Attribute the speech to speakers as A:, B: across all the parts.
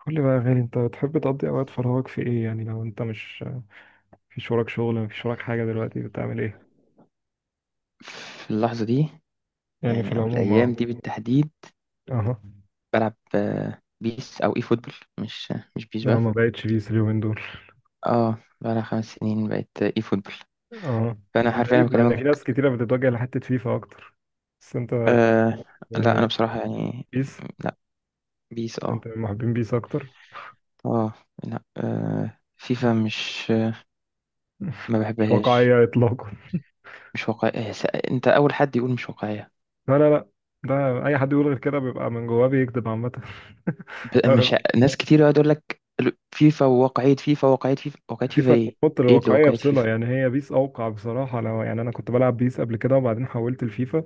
A: قول لي بقى يا غالي، انت بتحب تقضي اوقات فراغك في ايه؟ يعني لو انت مش مفيش وراك شغل، مفيش وراك حاجه، دلوقتي بتعمل ايه؟
B: في اللحظة دي؟
A: يعني في
B: يعني أو
A: العموم،
B: الأيام
A: اه.
B: دي بالتحديد؟
A: اه.
B: بلعب بيس أو إي فوتبول. مش بيس
A: انا
B: بقى.
A: ما بقتش بيس اليومين دول.
B: اه، بقالها 5 سنين بقت إي فوتبول.
A: اه،
B: فأنا حرفيا
A: غريب، لان في
B: بكلمك.
A: ناس كتيره بتتوجه لحته فيفا اكتر، بس انت،
B: آه. لا، أنا
A: اه،
B: بصراحة يعني.
A: بيس.
B: لا، بيس اه.
A: انت من محبين بيس اكتر؟
B: اه. لا، آه، فيفا مش ما
A: مش
B: بحبهاش.
A: واقعيه اطلاقا.
B: مش واقعية. أنت أول حد يقول مش واقعية.
A: لا لا لا، ده اي حد يقول غير كده بيبقى من جواه بيكذب عامه.
B: ب- مش ع- ناس كتير يقعد يقول لك فيفا وواقعية، فيفا واقعية، فيفا واقعية، فيفا
A: فيفا
B: إيه؟
A: بتحط
B: إيه اللي
A: الواقعيه
B: واقعية
A: بصله،
B: فيفا؟
A: يعني هي بيس اوقع بصراحه. لو يعني انا كنت بلعب بيس قبل كده وبعدين حولت لفيفا،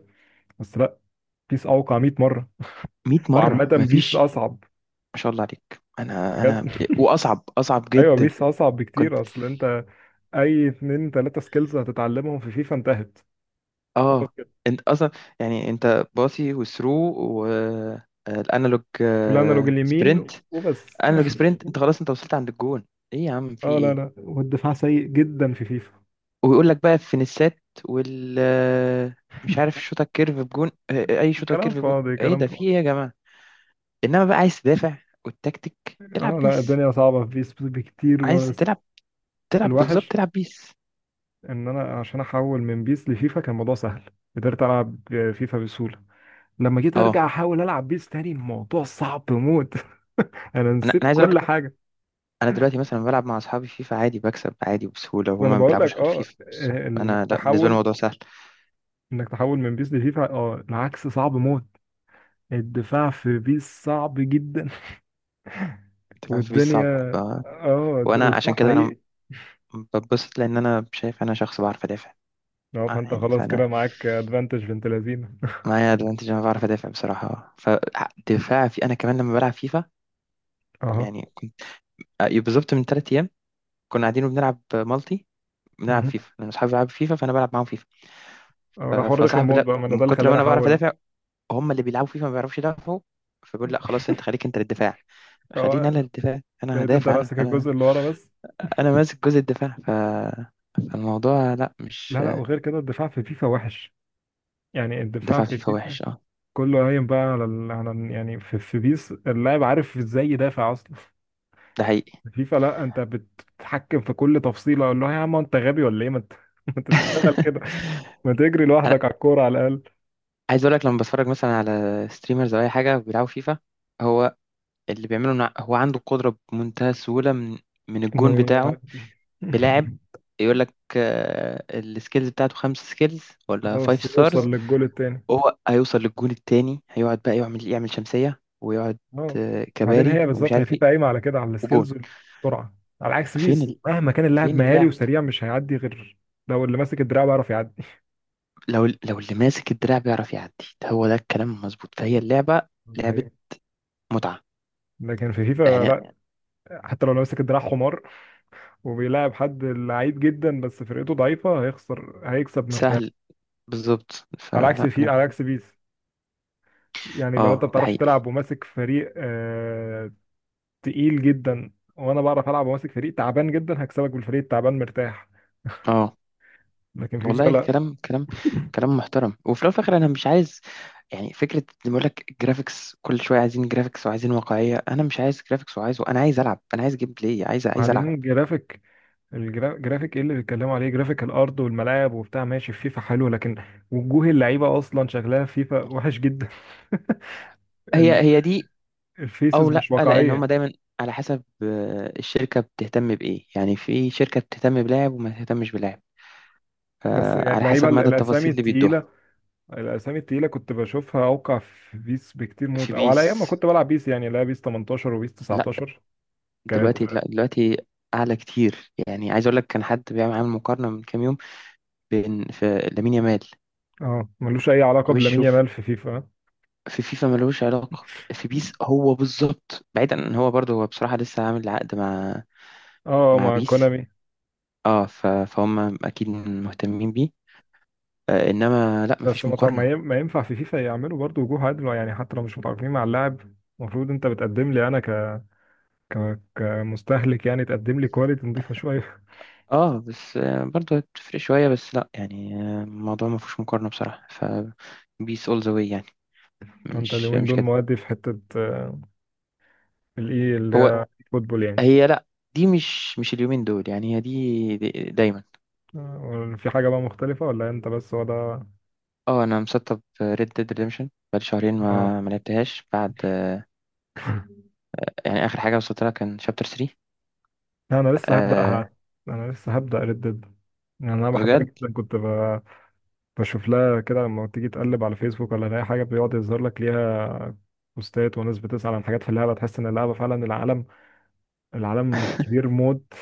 A: بس لا، بيس اوقع 100 مره.
B: 100
A: وعامه
B: مرة
A: بيس
B: مفيش.
A: اصعب
B: ما شاء الله عليك. انا
A: بجد.
B: انا واصعب، اصعب
A: ايوه
B: جدا.
A: بيس اصعب
B: كنت
A: بكتير. اصل انت اي اتنين تلاته سكيلز هتتعلمهم في فيفا انتهت، خلاص
B: اه.
A: كده.
B: انت اصلا، يعني انت باصي وثرو والانالوج،
A: والانالوج اليمين
B: سبرنت.
A: وبس.
B: انالوج، سبرنت، انت خلاص، انت وصلت عند الجون. ايه يا عم في
A: اه لا
B: ايه؟
A: لا، والدفاع سيء جدا في فيفا.
B: ويقول لك بقى فينيسات وال مش عارف شوطه كيرف بجون، اي شوطه
A: كلام
B: كيرف بجون.
A: فاضي،
B: ايه
A: كلام
B: ده في
A: فاضي.
B: ايه يا جماعه؟ انما بقى عايز تدافع والتكتيك. العب
A: اه لا،
B: بيس.
A: الدنيا صعبة في بيس بكتير.
B: عايز
A: بس
B: تلعب، تلعب بالظبط،
A: الوحش
B: تلعب بيس.
A: ان انا عشان احول من بيس لفيفا كان الموضوع سهل، قدرت العب فيفا بسهولة. لما جيت
B: اه،
A: ارجع احاول العب بيس تاني الموضوع صعب موت. انا
B: انا
A: نسيت
B: عايز
A: كل
B: اقول،
A: حاجة.
B: انا دلوقتي مثلا بلعب مع اصحابي فيفا عادي، بكسب عادي وبسهوله،
A: ما انا
B: وهما ما
A: بقول لك
B: بيلعبوش غير
A: اه،
B: فيفا بس. انا
A: انك
B: لا، بالنسبه لي
A: تحول،
B: الموضوع سهل.
A: انك تحول من بيس لفيفا، اه العكس صعب موت. الدفاع في بيس صعب جدا.
B: انت فاهم، في بيس
A: والدنيا
B: صعب
A: اه،
B: وانا عشان
A: والدفاع
B: كده انا
A: حقيقي.
B: بتبسط، لان انا شايف انا شخص بعرف ادافع.
A: اه، فانت
B: يعني
A: خلاص
B: فانا
A: كده معاك ادفانتج بنت لذينه.
B: معايا ادفانتج، انا بعرف ادافع بصراحه، فدفاع في انا كمان لما بلعب فيفا
A: اه،
B: يعني بالظبط، من 3 ايام كنا قاعدين وبنلعب مالتي، بنلعب
A: مهم.
B: فيفا لان اصحابي بيلعبوا فيفا فانا بلعب معاهم فيفا.
A: اه، ده حر رخم
B: فصاحبي،
A: موت
B: لا،
A: بقى، ما انا
B: من
A: ده اللي
B: كتر ما
A: خلاني
B: انا بعرف
A: احول.
B: ادافع، هم اللي بيلعبوا فيفا ما بيعرفوش يدافعوا. فبيقول لا خلاص، انت خليك انت للدفاع، خليني انا
A: اه،
B: الدفاع، انا
A: بقيت انت
B: هدافع انا
A: ماسك
B: انا
A: الجزء اللي ورا بس.
B: انا ماسك جزء الدفاع، ف... فالموضوع، لا، مش
A: لا لا، وغير كده الدفاع في فيفا وحش، يعني الدفاع
B: دفاع
A: في
B: فيفا
A: فيفا
B: وحش، اه
A: كله قايم بقى على ال، يعني في بيس اللاعب عارف ازاي يدافع اصلا.
B: ده حقيقي.
A: فيفا لا، انت بتتحكم في كل تفصيله، اقول له يا عم انت غبي ولا ايه؟ ما انت ما انت تشتغل كده. ما تجري
B: انا
A: لوحدك على الكوره على الاقل،
B: عايز اقول لك، لما بتفرج مثلا على ستريمرز او اي حاجه بيلعبوا فيفا، هو اللي بيعمله إن هو عنده قدره بمنتهى السهوله من
A: انه
B: الجون بتاعه.
A: يعدي.
B: بلاعب، يقول لك السكيلز بتاعته 5 سكيلز ولا
A: خلاص
B: فايف ستارز،
A: يوصل للجول التاني.
B: هو هيوصل للجون التاني، هيقعد بقى يعمل شمسيه ويقعد
A: اه، بعدين
B: كباري
A: هي
B: ومش
A: بالظبط، هي
B: عارف ايه.
A: فيفا قايمه على كده، على
B: وجون.
A: السكيلز والسرعه. على عكس بيس،
B: فين
A: مهما كان اللاعب
B: فين
A: مهاري
B: اللعب؟
A: وسريع مش هيعدي غير لو اللي ماسك الدراع بيعرف يعدي.
B: لو اللي ماسك الدراع بيعرف يعدي. هو ده الكلام المظبوط، فهي اللعبة
A: دي
B: لعبة
A: حقيقة.
B: متعة
A: لكن في فيفا
B: يعني.
A: لا، حتى لو اللي ماسك الدراع حمار، وبيلاعب حد لعيب جدا بس فرقته ضعيفه هيخسر، هيكسب مرتاح.
B: سهل، بالظبط.
A: على عكس
B: فلا، أنا
A: على
B: بحب.
A: عكس بيس، يعني لو انت
B: اه
A: ما
B: ده
A: بتعرفش
B: حقيقي.
A: تلعب وماسك فريق آه تقيل جدا، وانا بعرف العب وماسك فريق تعبان جدا، هكسبك بالفريق التعبان مرتاح.
B: اه،
A: لكن في
B: والله
A: فرق.
B: كلام، كلام محترم. وفي الأول وفي الآخر، أنا مش عايز، يعني فكرة اللي بيقول لك جرافيكس كل شوية، عايزين جرافيكس وعايزين واقعية، أنا مش عايز جرافيكس وعايز، أنا عايز ألعب، أنا عايز جيم بلاي، عايز ألعب.
A: بعدين جرافيك، الجرافيك، ايه اللي بيتكلموا عليه؟ جرافيك الارض والملاعب وبتاع ماشي، في فيفا حلو، لكن وجوه اللعيبه اصلا شكلها في فيفا وحش جدا.
B: هي
A: ال-
B: هي دي، أو
A: الفيسز
B: لأ،
A: مش
B: لأن
A: واقعيه.
B: هما دايما على حسب الشركة بتهتم بإيه. يعني في شركة بتهتم بلاعب وما تهتمش بلاعب
A: بس يعني
B: على
A: اللعيبه،
B: حسب مدى
A: الاسامي
B: التفاصيل اللي بيدوها.
A: التقيله، الاسامي التقيله كنت بشوفها اوقع في بيس بكتير
B: في
A: موت. او على ايام ما
B: بيس،
A: كنت بلعب بيس يعني، لا بيس 18 وبيس
B: لا
A: 19 كانت
B: دلوقتي، لا دلوقتي اعلى كتير. يعني عايز اقول لك كان حد بيعمل عامل مقارنه من كام يوم، بين في لامين يامال
A: اه، ملوش اي علاقه بلامين
B: وشه في،
A: يامال في فيفا.
B: في فيفا ملوش علاقه، في بيس هو بالظبط. بعيدا ان هو برضه، هو بصراحه لسه عامل عقد مع
A: اه،
B: مع
A: مع
B: بيس
A: كونامي.
B: اه. فهم اكيد مهتمين بيه انما لا،
A: بس
B: مفيش
A: ما طب ما
B: مقارنه.
A: ما ينفع في فيفا يعملوا برضو وجوه عدل، يعني حتى لو مش متعاقدين مع اللاعب، المفروض انت بتقدم لي انا ك، ك، كمستهلك، يعني تقدم لي كواليتي نضيفه شويه.
B: اه بس برضه هتفرق شويه، بس لا يعني الموضوع مفيهوش مقارنه بصراحه. ف بيس اول ذا واي يعني.
A: فانت
B: مش
A: اليومين
B: مش
A: دول مودي في حته، الاي اللي
B: هو.
A: هي فوتبول يعني.
B: هي لا، دي مش اليومين دول يعني، هي دي دايما.
A: في حاجه بقى مختلفه ولا انت بس هو ده؟
B: اه انا مسطب ريد ديد ريدمشن بقالي شهرين
A: اه.
B: ما لعبتهاش بعد. يعني اخر حاجه وصلت لها كان شابتر 3.
A: لا، انا لسه هبداها.
B: أه
A: انا لسه هبدا ريد ديد. يعني انا بحبها
B: بجد.
A: جدا، كنت بشوف لها كده، لما تيجي تقلب على فيسبوك ولا اي حاجه بيقعد يظهر لك ليها بوستات وناس بتسأل عن حاجات في اللعبه. تحس ان اللعبه فعلا العالم، العالم كبير موت.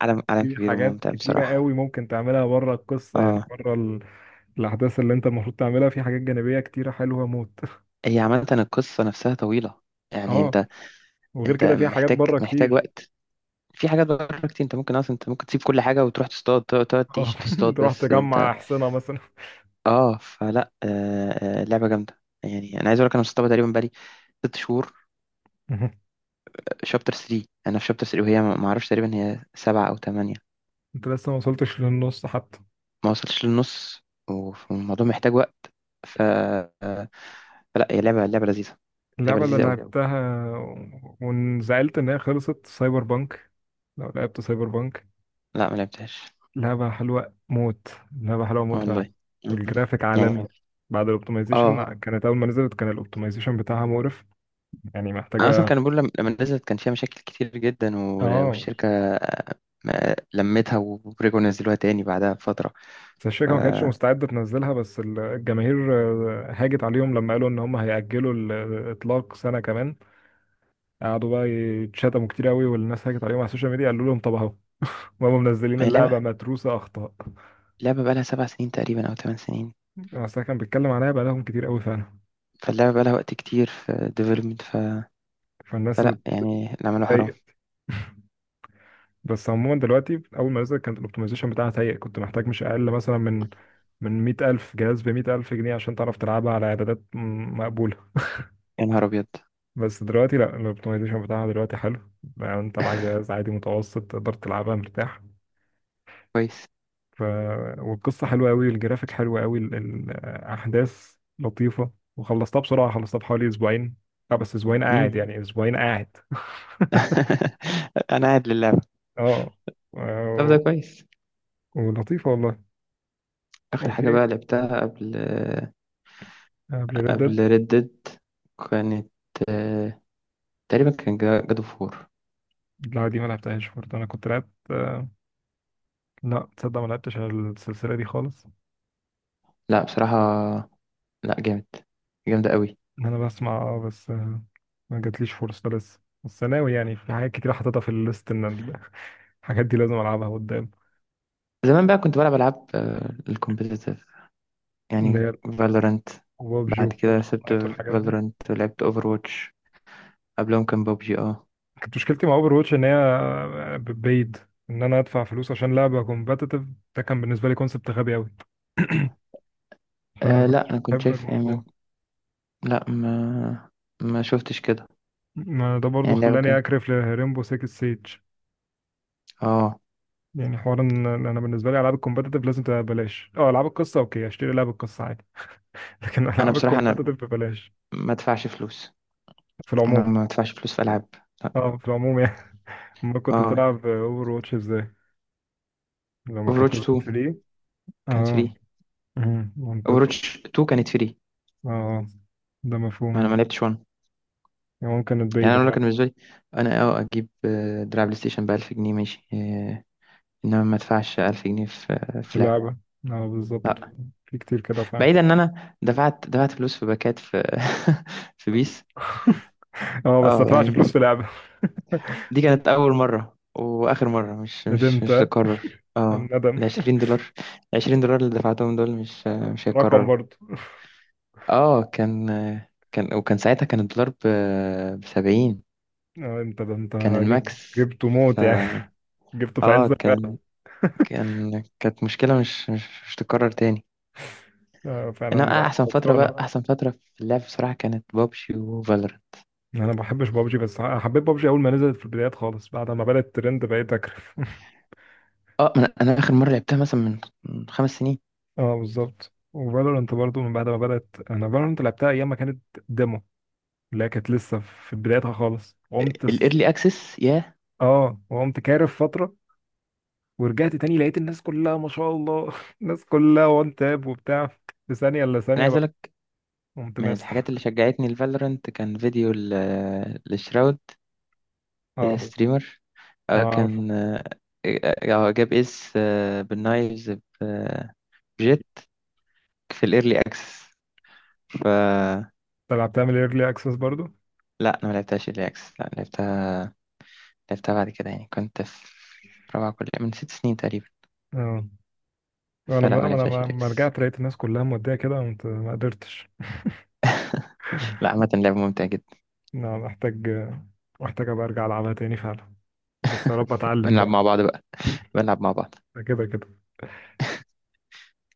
B: عالم، عالم
A: في
B: كبير
A: حاجات
B: وممتع
A: كتيره
B: بصراحه.
A: قوي ممكن تعملها بره القصه، يعني
B: اه
A: بره ال، الاحداث اللي انت المفروض تعملها، في حاجات جانبيه كتيره حلوه موت.
B: هي عامه القصه نفسها طويله، يعني
A: اه،
B: انت،
A: وغير
B: انت
A: كده في حاجات
B: محتاج
A: بره
B: محتاج
A: كتير.
B: وقت. في حاجات بره كتير، انت ممكن اصلا، انت ممكن تسيب كل حاجه وتروح تصطاد، تقعد
A: اه.
B: تعيش تصطاد
A: تروح
B: بس انت.
A: تجمع احصنه مثلا.
B: اه فلا لعبه جامده. يعني انا عايز اقول لك انا مسطبها تقريبا بقالي 6 شهور. شابتر 3، انا في شابتر 3، وهي ما اعرفش تقريبا هي 7 او 8.
A: انت لسه ما وصلتش للنص حتى.
B: ما وصلتش للنص والموضوع محتاج وقت، ف... فلا هي لعبة لذيذة. لعبة
A: اللعبه اللي
B: لذيذة قوي.
A: لعبتها وانزعلت ان هي خلصت، سايبر بانك. لو لعبت سايبر بانك،
B: لا، ما لعبتهاش.
A: لعبة حلوة موت. لعبة حلوة موت فعلا.
B: والله. مم.
A: والجرافيك
B: يعني،
A: عالمي، اه، بعد الاوبتمايزيشن.
B: اه،
A: اه، كانت أول ما نزلت كان الاوبتمايزيشن بتاعها مقرف، يعني محتاجة
B: انا اصلا
A: آه.
B: كان بقول، لما نزلت كان فيها مشاكل كتير جدا
A: اه،
B: والشركة آه، لمتها ورجعوا نزلوها تاني بعدها بفترة.
A: بس الشركة ما كانتش
B: ما
A: مستعدة تنزلها، بس الجماهير هاجت عليهم لما قالوا إن هم هيأجلوا الإطلاق سنة كمان. قعدوا بقى يتشتموا كتير قوي، والناس هاجت عليهم على السوشيال ميديا، قالوا لهم طب أهو، هم منزلين
B: هي لعبة
A: اللعبة متروسة أخطاء.
B: لعبة بقالها 7 سنين تقريبا أو 8 سنين.
A: بس ده كان بيتكلم عليها بقالهم كتير قوي فعلا،
B: فاللعبة بقالها وقت كتير في ديفلوبمنت، ف...
A: فالناس
B: فلا يعني اللي عمله حرام.
A: اتضايقت. بس عموما دلوقتي اول ما نزل كانت الاوبتمايزيشن بتاعها سيء، كنت محتاج مش اقل مثلا من 100000 جهاز ب 100000 جنيه عشان تعرف تلعبها على اعدادات مقبوله.
B: يا نهار أبيض.
A: بس دلوقتي لا، الاوبتمايزيشن بتاعها دلوقتي حلو، يعني انت معاك جهاز عادي متوسط تقدر تلعبها مرتاح.
B: كويس.
A: ف، والقصه حلوه قوي، الجرافيك حلو قوي، الاحداث لطيفه، وخلصتها بسرعه، خلصتها في حوالي اسبوعين. اه بس اسبوعين
B: مم.
A: قاعد يعني، اسبوعين قاعد.
B: انا قاعد للعبة.
A: اه
B: طب ده
A: و-
B: كويس.
A: ولطيفه والله.
B: اخر حاجة
A: وفي
B: بقى لعبتها قبل،
A: قبل ريد،
B: قبل ريد ديد كانت آه، تقريبا كان جادو فور.
A: لا دي ما لعبتهاش برضه، انا كنت لعبت، لا تصدق ما لعبتش على السلسله دي خالص.
B: لا بصراحة، لا جامد، جامدة قوي.
A: انا بسمع، اه بس ما جاتليش فرصه لسه، بس ناوي يعني، في حاجات كتير حاططها في الليست ان ال، الحاجات دي لازم العبها قدام.
B: زمان بقى كنت بلعب ألعاب الكومبيتيتيف
A: اللي
B: يعني،
A: هي
B: فالورانت.
A: ببجي
B: بعد كده سبت
A: وفورتنايت والحاجات دي.
B: فالورانت ولعبت اوفر واتش. قبلهم كان بابجي اه.
A: كانت مشكلتي مع اوفر واتش ان هي بيد، ان انا ادفع فلوس عشان لعبه كومبتيتيف، ده كان بالنسبه لي كونسبت غبي قوي. فانا
B: لا،
A: كنتش
B: انا كنت
A: بحب
B: شايف يعني
A: الموضوع.
B: لا، ما شفتش كده.
A: ما ده برضو
B: يعني اللعبة
A: خلاني
B: كانت،
A: اكرف لريمبو 6 سيج.
B: اه،
A: يعني حوار ان انا بالنسبه لي العاب الكومبتيتيف لازم تبقى ببلاش، اه العاب القصه اوكي اشتري لعب القصه عادي، لكن العاب
B: انا
A: انا
B: بصراحة، انا
A: الكومبتيتيف ببلاش
B: ما ادفعش فلوس،
A: في
B: انا
A: العموم.
B: ما ادفعش فلوس في العاب. لا.
A: اه، في العموم يعني. ما كنت
B: اه،
A: تلعب اوفر واتش ازاي لما كانت
B: اوفروتش
A: نزلت
B: 2
A: فري؟
B: كانت
A: اه.
B: فري.
A: أمم، منطقي.
B: اوفروتش 2 كانت فري.
A: اه، ده مفهوم.
B: ما انا ما لعبتش 1.
A: يعني ممكن
B: يعني
A: تبيد
B: انا لو كان
A: فعلا،
B: بالنسبه لي، انا اه اجيب دراع بلاي ستيشن ب 1000 جنيه ماشي انما ما ادفعش 1000 جنيه في،
A: في
B: في لعب،
A: اللعبه. اه بالظبط،
B: لا.
A: في كتير كده فعلا.
B: بعيدا ان انا دفعت فلوس في باكات في في بيس.
A: اه بس ما
B: اه
A: ادفعش
B: يعني
A: فلوس في لعبه.
B: دي كانت اول مره واخر مره، مش مش
A: ندمت
B: مش
A: آه.
B: هتتكرر اه.
A: الندم
B: ال 20 دولار، 20 دولار اللي دفعتهم دول مش
A: رقم
B: هيتكرروا.
A: برضه.
B: اه، كان، وكان ساعتها كان الدولار ب 70.
A: آه انت، ده انت
B: كان
A: جبته،
B: الماكس.
A: جبته
B: ف
A: موت يعني. جبته في
B: اه
A: عز الغلا.
B: كان، كانت مشكلة مش تتكرر تاني.
A: آه
B: انما
A: فعلا
B: احسن فترة بقى،
A: خسرانه.
B: احسن فترة في اللعب بصراحة كانت بابجي وفالورانت.
A: انا ما بحبش بابجي، بس حبيت بابجي اول ما نزلت في البدايات خالص، بعد ما بدات ترند بقيت اكرف.
B: اه، انا اخر مرة لعبتها مثلا من 5 سنين.
A: اه بالظبط، وفالورانت برضو من بعد ما بدات. انا فالورانت لعبتها ايام ما كانت ديمو، اللي هي كانت لسه في بدايتها خالص. قمت س،
B: الايرلي اكسس ياه.
A: اه وقمت كارف فتره ورجعت تاني لقيت الناس كلها ما شاء الله. الناس كلها وان تاب وبتاع، في ثانيه الا
B: انا
A: ثانيه
B: عايز
A: بقى.
B: اقول لك،
A: قمت
B: من الحاجات
A: ماسح.
B: اللي شجعتني لفالورانت كان فيديو لشراود
A: اه.
B: ستريمر.
A: اه
B: آه،
A: عارف.
B: كان آه، آه، جاب اس بالنايفز، بجيت، في الايرلي اكسس. فلا،
A: انت لعبتها من الايرلي اكسس برضو؟
B: انا ما لعبتهاش ايرلي اكسس، لا لعبتها بعد كده، يعني كنت في رابعه كليه من 6 سنين تقريبا.
A: اه، انا
B: فلا
A: بقى،
B: ما
A: انا
B: لعبتهاش
A: ما
B: ايرلي
A: ما
B: اكسس.
A: رجعت لقيت الناس كلها موديه كده، قمت ما قدرتش.
B: لا عامه لعبه ممتعه جدا.
A: لا، محتاج، محتاج ابقى ارجع العبها تاني فعلا، بس يا رب اتعلم
B: بنلعب
A: بقى.
B: مع بعض بقى، بنلعب مع بعض.
A: ده كده كده.